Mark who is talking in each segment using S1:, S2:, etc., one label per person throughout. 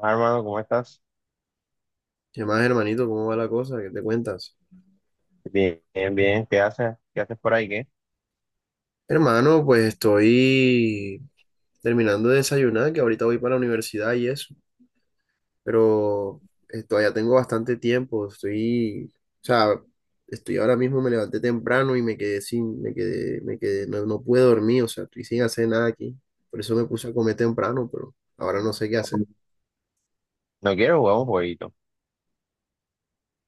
S1: Ah, hermano, ¿cómo estás?
S2: ¿Qué más, hermanito? ¿Cómo va la cosa? ¿Qué te cuentas?
S1: Bien, bien, bien. ¿Qué haces? ¿Qué haces por ahí? ¿Qué?
S2: Hermano, pues estoy terminando de desayunar, que ahorita voy para la universidad y eso, pero todavía tengo bastante tiempo, estoy, o sea, estoy ahora mismo, me levanté temprano y me quedé, no pude dormir, o sea, estoy sin hacer nada aquí, por eso me puse a comer temprano, pero ahora no sé qué hacer.
S1: No quiero jugar un jueguito.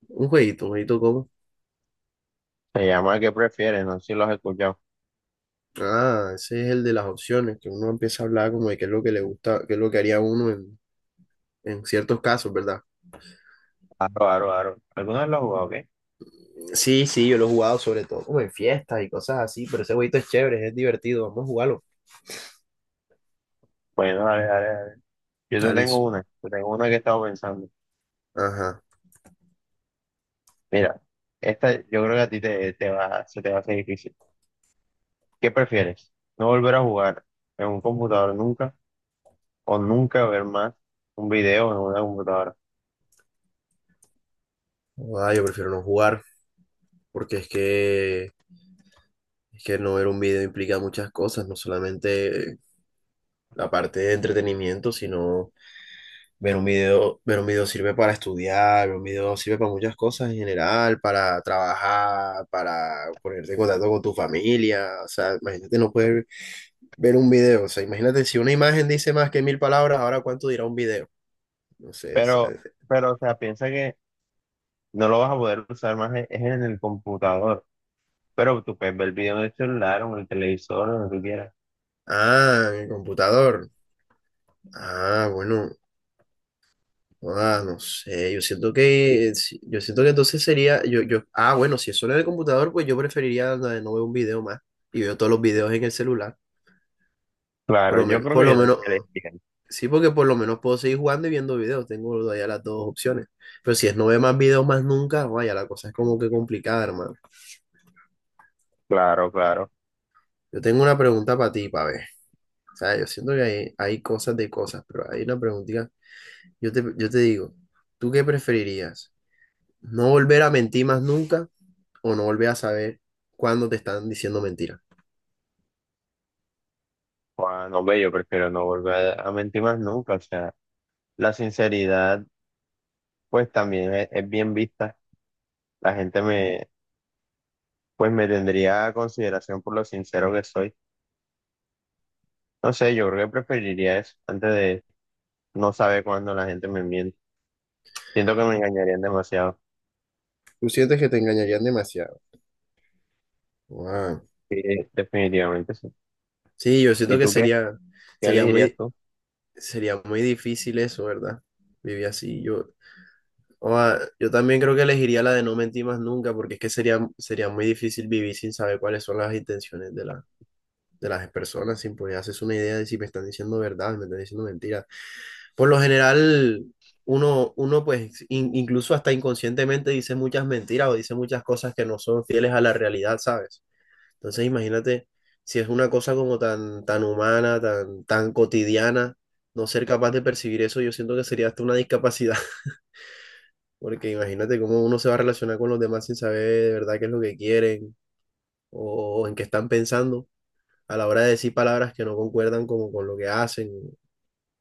S2: Un jueguito como.
S1: Se llama ¿qué prefieres? No sé si lo has escuchado.
S2: Ah, ese es el de las opciones, que uno empieza a hablar como de qué es lo que le gusta, qué es lo que haría uno en ciertos casos, ¿verdad?
S1: Aro, aro, aro. ¿Alguna vez lo has jugado? ¿Qué?
S2: Sí, sí, yo lo he jugado sobre todo como en fiestas y cosas así, pero ese jueguito es chévere, es divertido, vamos a jugarlo.
S1: Bueno, dale, dale, dale. Yo te
S2: Dale,
S1: tengo
S2: eso.
S1: una. Te tengo una que estaba pensando.
S2: Ajá.
S1: Mira, esta yo creo que a ti te va, se te va a hacer difícil. ¿Qué prefieres? ¿No volver a jugar en un computador nunca o nunca ver más un video en una computadora?
S2: Ah, yo prefiero no jugar, porque es que no ver un video implica muchas cosas, no solamente la parte de entretenimiento, sino ver un video sirve para estudiar, ver un video sirve para muchas cosas en general, para trabajar, para ponerte en contacto con tu familia, o sea, imagínate no poder ver un video, o sea, imagínate si una imagen dice más que mil palabras, ahora cuánto dirá un video. No sé,
S1: Pero,
S2: ¿sabes?
S1: pero, o sea, piensa que no lo vas a poder usar más, es en el computador. Pero tú puedes ver el video en el celular o en el televisor, o donde tú quieras.
S2: Ah, mi computador. Ah, bueno. Ah, no sé. Yo siento que. Si- Yo siento que entonces sería. Ah, bueno, si es solo en el computador, pues yo preferiría la de no ver un video más. Y veo todos los videos en el celular. Por
S1: Claro,
S2: lo
S1: yo
S2: menos,
S1: creo
S2: por
S1: que
S2: lo
S1: yo también
S2: menos.
S1: le entiendo.
S2: Sí, porque por lo menos puedo seguir jugando y viendo videos. Tengo todavía las dos opciones. Pero si es no ver más videos más nunca, vaya, la cosa es como que complicada, hermano.
S1: Claro, claro.
S2: Yo tengo una pregunta para ti, para ver. O sea, yo siento que hay cosas de cosas, pero hay una preguntita. Yo te digo, ¿tú qué preferirías? ¿No volver a mentir más nunca o no volver a saber cuándo te están diciendo mentiras?
S1: Juan, no ve, yo prefiero no volver a mentir más nunca. O sea, la sinceridad, pues también es bien vista. La gente me, pues me tendría a consideración por lo sincero que soy. No sé, yo creo que preferiría eso antes de no saber cuándo la gente me miente. Siento que me engañarían demasiado.
S2: ¿Tú sientes que te engañarían demasiado? Wow.
S1: Sí, definitivamente sí.
S2: Sí, yo
S1: ¿Y
S2: siento que
S1: tú qué? ¿Qué
S2: sería
S1: elegirías
S2: muy,
S1: tú?
S2: sería muy difícil eso, ¿verdad? Vivir así. Yo también creo que elegiría la de no mentir más nunca porque es que sería muy difícil vivir sin saber cuáles son las intenciones de la, de las personas, sin poder hacerse una idea de si me están diciendo verdad, me están diciendo mentiras. Por lo general, uno pues incluso hasta inconscientemente dice muchas mentiras o dice muchas cosas que no son fieles a la realidad, ¿sabes? Entonces imagínate si es una cosa como tan, tan humana, tan, tan cotidiana, no ser capaz de percibir eso, yo siento que sería hasta una discapacidad, porque imagínate cómo uno se va a relacionar con los demás sin saber de verdad qué es lo que quieren o en qué están pensando a la hora de decir palabras que no concuerdan como con lo que hacen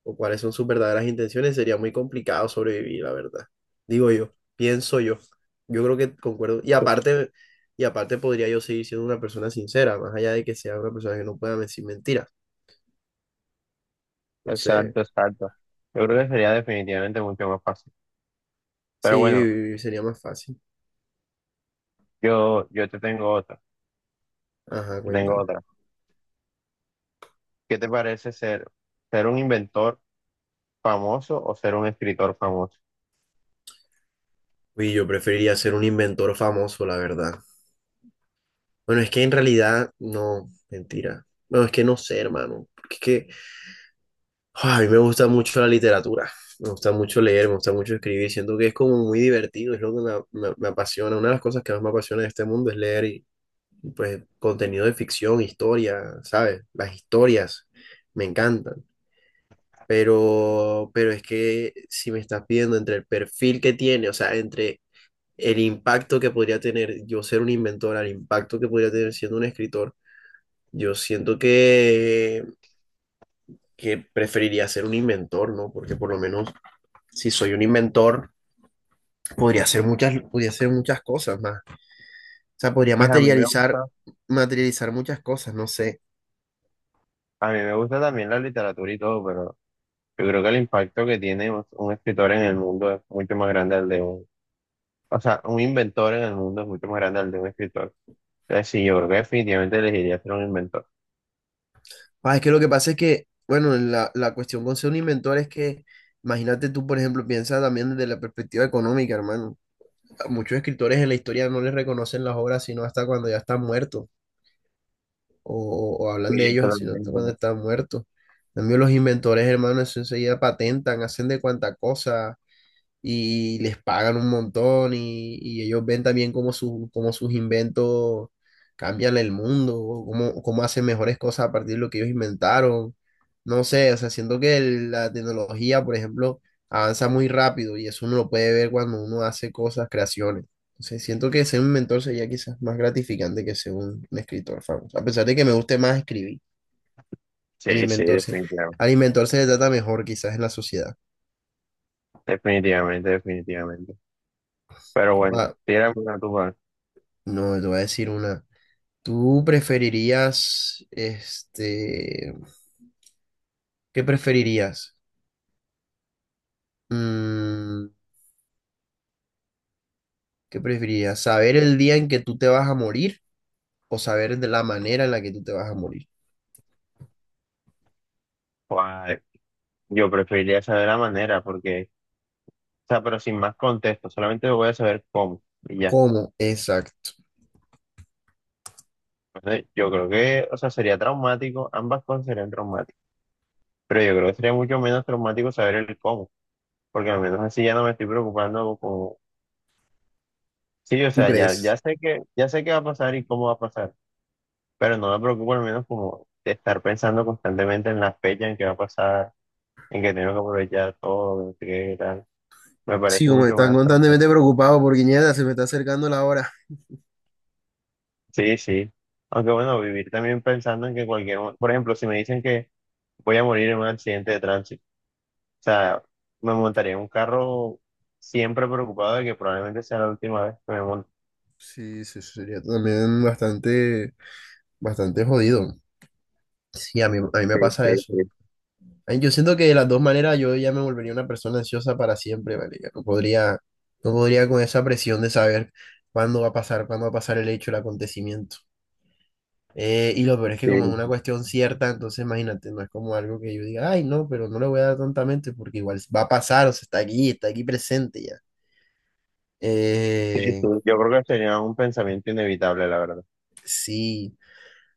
S2: o cuáles son sus verdaderas intenciones, sería muy complicado sobrevivir, la verdad. Digo yo, pienso yo. Yo creo que concuerdo. Y aparte podría yo seguir siendo una persona sincera, más allá de que sea una persona que no pueda decir mentiras. No sé,
S1: Exacto, exacto. Yo creo que sería definitivamente mucho más fácil.
S2: sí,
S1: Pero bueno,
S2: vivir sería más fácil.
S1: yo te tengo otra,
S2: Ajá,
S1: te tengo
S2: cuéntame.
S1: otra. ¿Qué te parece ser, ser un inventor famoso o ser un escritor famoso?
S2: Uy, yo preferiría ser un inventor famoso, la verdad. Bueno, es que en realidad, no, mentira. No, es que no sé, hermano, porque es que a mí me gusta mucho la literatura, me gusta mucho leer, me gusta mucho escribir, siento que es como muy divertido, es lo que me apasiona, una de las cosas que más me apasiona de este mundo es leer pues contenido de ficción, historia, ¿sabes? Las historias me encantan, pero es que si me estás pidiendo entre el perfil que tiene, o sea, entre el impacto que podría tener yo ser un inventor, al impacto que podría tener siendo un escritor, yo siento que, preferiría ser un inventor, ¿no? Porque por lo menos si soy un inventor, podría hacer muchas cosas más. O sea, podría
S1: Pues a mí me gusta,
S2: materializar, muchas cosas, no sé.
S1: a mí me gusta también la literatura y todo, pero yo creo que el impacto que tiene un escritor en el mundo es mucho más grande al de un, o sea, un inventor en el mundo es mucho más grande al de un escritor. Entonces sí, yo creo que definitivamente elegiría ser un inventor.
S2: Ah, es que lo que pasa es que, bueno, la cuestión con ser un inventor es que, imagínate tú, por ejemplo, piensa también desde la perspectiva económica, hermano. A muchos escritores en la historia no les reconocen las obras sino hasta cuando ya están muertos, o hablan
S1: Sí,
S2: de ellos sino hasta cuando
S1: totalmente.
S2: están muertos. En cambio, los inventores, hermano, eso enseguida patentan, hacen de cuanta cosa y les pagan un montón y ellos ven también cómo sus inventos cambian el mundo, o cómo hacen mejores cosas a partir de lo que ellos inventaron. No sé, o sea, siento que la tecnología, por ejemplo, avanza muy rápido y eso uno lo puede ver cuando uno hace cosas, creaciones. Entonces, siento que ser un mentor sería quizás más gratificante que ser un escritor famoso, a pesar de que me guste más escribir, el
S1: Sí, sí,
S2: inventor se,
S1: definitivamente.
S2: al inventor se le trata mejor quizás en la sociedad.
S1: Definitivamente, definitivamente. Pero bueno,
S2: Ahora,
S1: si era una tuba,
S2: no, te voy a decir una. ¿Tú preferirías, este, qué preferirías? Mm, ¿Qué preferirías? ¿Saber el día en que tú te vas a morir o saber de la manera en la que tú te vas a morir?
S1: pues, yo preferiría saber la manera, porque, o sea, pero sin más contexto, solamente voy a saber cómo, y ya.
S2: ¿Cómo? Exacto.
S1: Entonces, yo creo que, o sea, sería traumático, ambas cosas serían traumáticas, pero yo creo que sería mucho menos traumático saber el cómo, porque al menos así ya no me estoy preocupando como, sí, o
S2: ¿Tú
S1: sea, ya,
S2: crees?
S1: ya sé que, ya sé qué va a pasar y cómo va a pasar, pero no me preocupo al menos como de estar pensando constantemente en la fecha en que va a pasar, en que tengo que aprovechar todo, en qué tal, me
S2: Sí,
S1: parece
S2: como
S1: mucho
S2: están
S1: menos traumático.
S2: constantemente preocupados por Guiñeta, se me está acercando la hora.
S1: Sí, sí. Aunque bueno, vivir también pensando en que cualquier, mo- por ejemplo, si me dicen que voy a morir en un accidente de tránsito, o sea, me montaría en un carro siempre preocupado de que probablemente sea la última vez que me monte.
S2: Sí, sí, eso sería también bastante, bastante jodido. Sí, a mí me
S1: Sí,
S2: pasa
S1: sí,
S2: eso.
S1: sí,
S2: Ay, yo siento que de las dos maneras yo ya me volvería una persona ansiosa para siempre, marica. No podría con esa presión de saber cuándo va a pasar, cuándo va a pasar el hecho, el acontecimiento. Y lo peor es que como es una
S1: sí.
S2: cuestión cierta, entonces imagínate, no es como algo que yo diga, ay, no, pero no le voy a dar tontamente porque igual va a pasar, o sea, está aquí presente ya.
S1: Sí, sí.
S2: Eh,
S1: Yo creo que sería un pensamiento inevitable, la verdad.
S2: sí.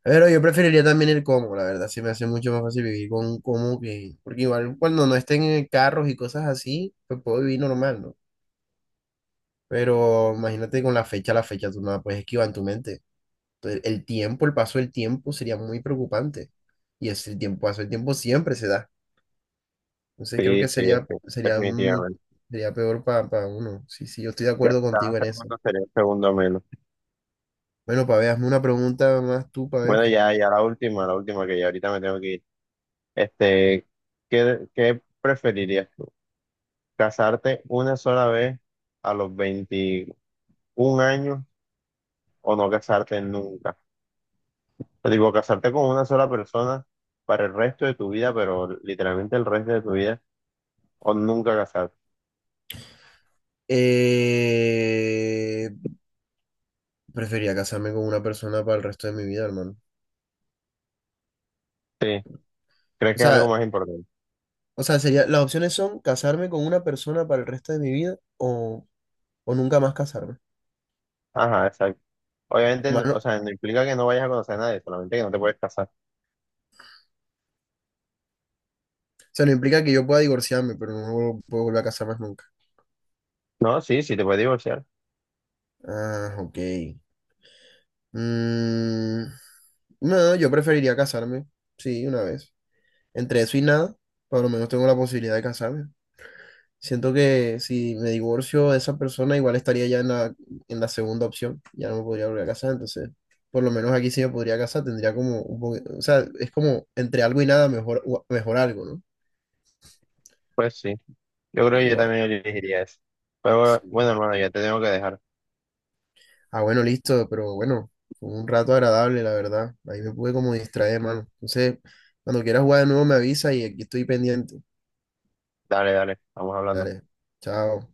S2: Pero yo preferiría también el cómo, la verdad, se me hace mucho más fácil vivir con un cómo que, porque igual cuando no estén en carros y cosas así, pues puedo vivir normal, ¿no? Pero imagínate con la fecha tú no la puedes esquivar en tu mente. Entonces, el tiempo, el paso del tiempo sería muy preocupante. Y es el tiempo, paso del tiempo siempre se da. Entonces creo
S1: Sí,
S2: que
S1: sí, sí, definitivamente.
S2: sería peor para uno. Sí, sí, yo estoy de
S1: Ya
S2: acuerdo
S1: cada
S2: contigo en eso.
S1: segundo sería un segundo menos.
S2: Bueno, Pabé, hazme una pregunta más tú,
S1: Bueno,
S2: Pabé.
S1: ya, ya la última que ya ahorita me tengo que ir. Este, ¿qué, qué preferirías? Casarte una sola vez a los 21 años o no casarte nunca. Te digo, casarte con una sola persona para el resto de tu vida, pero literalmente el resto de tu vida, o nunca casarte.
S2: Eh, preferiría casarme con una persona para el resto de mi vida, hermano.
S1: Sí, ¿crees
S2: O
S1: que es algo
S2: sea,
S1: más importante?
S2: o sea, las opciones son casarme con una persona para el resto de mi vida o, nunca más casarme.
S1: Ajá, exacto. Obviamente, no-
S2: Hermano,
S1: o sea, no implica que no vayas a conocer a nadie, solamente que no te puedes casar.
S2: o sea, no implica que yo pueda divorciarme, pero no puedo volver a casar más nunca.
S1: No, sí, sí, te puedes divorciar.
S2: Ah, ok. Mm, no, yo preferiría casarme, sí, una vez. Entre eso y nada, por lo menos tengo la posibilidad de casarme. Siento que si me divorcio de esa persona, igual estaría ya en la segunda opción. Ya no me podría volver a casar, entonces, por lo menos aquí sí me podría casar. Tendría como un poco, o sea, es como entre algo y nada, mejor algo, ¿no?
S1: Pues sí, yo creo que yo
S2: Igual.
S1: también elegiría eso. Pero
S2: Sí.
S1: bueno, hermano, ya te tengo que dejar.
S2: Ah, bueno, listo, pero bueno, fue un rato agradable, la verdad. Ahí me pude como distraer, mano. Entonces, cuando quieras jugar de nuevo me avisa y aquí estoy pendiente.
S1: Dale, dale, vamos hablando.
S2: Dale, chao.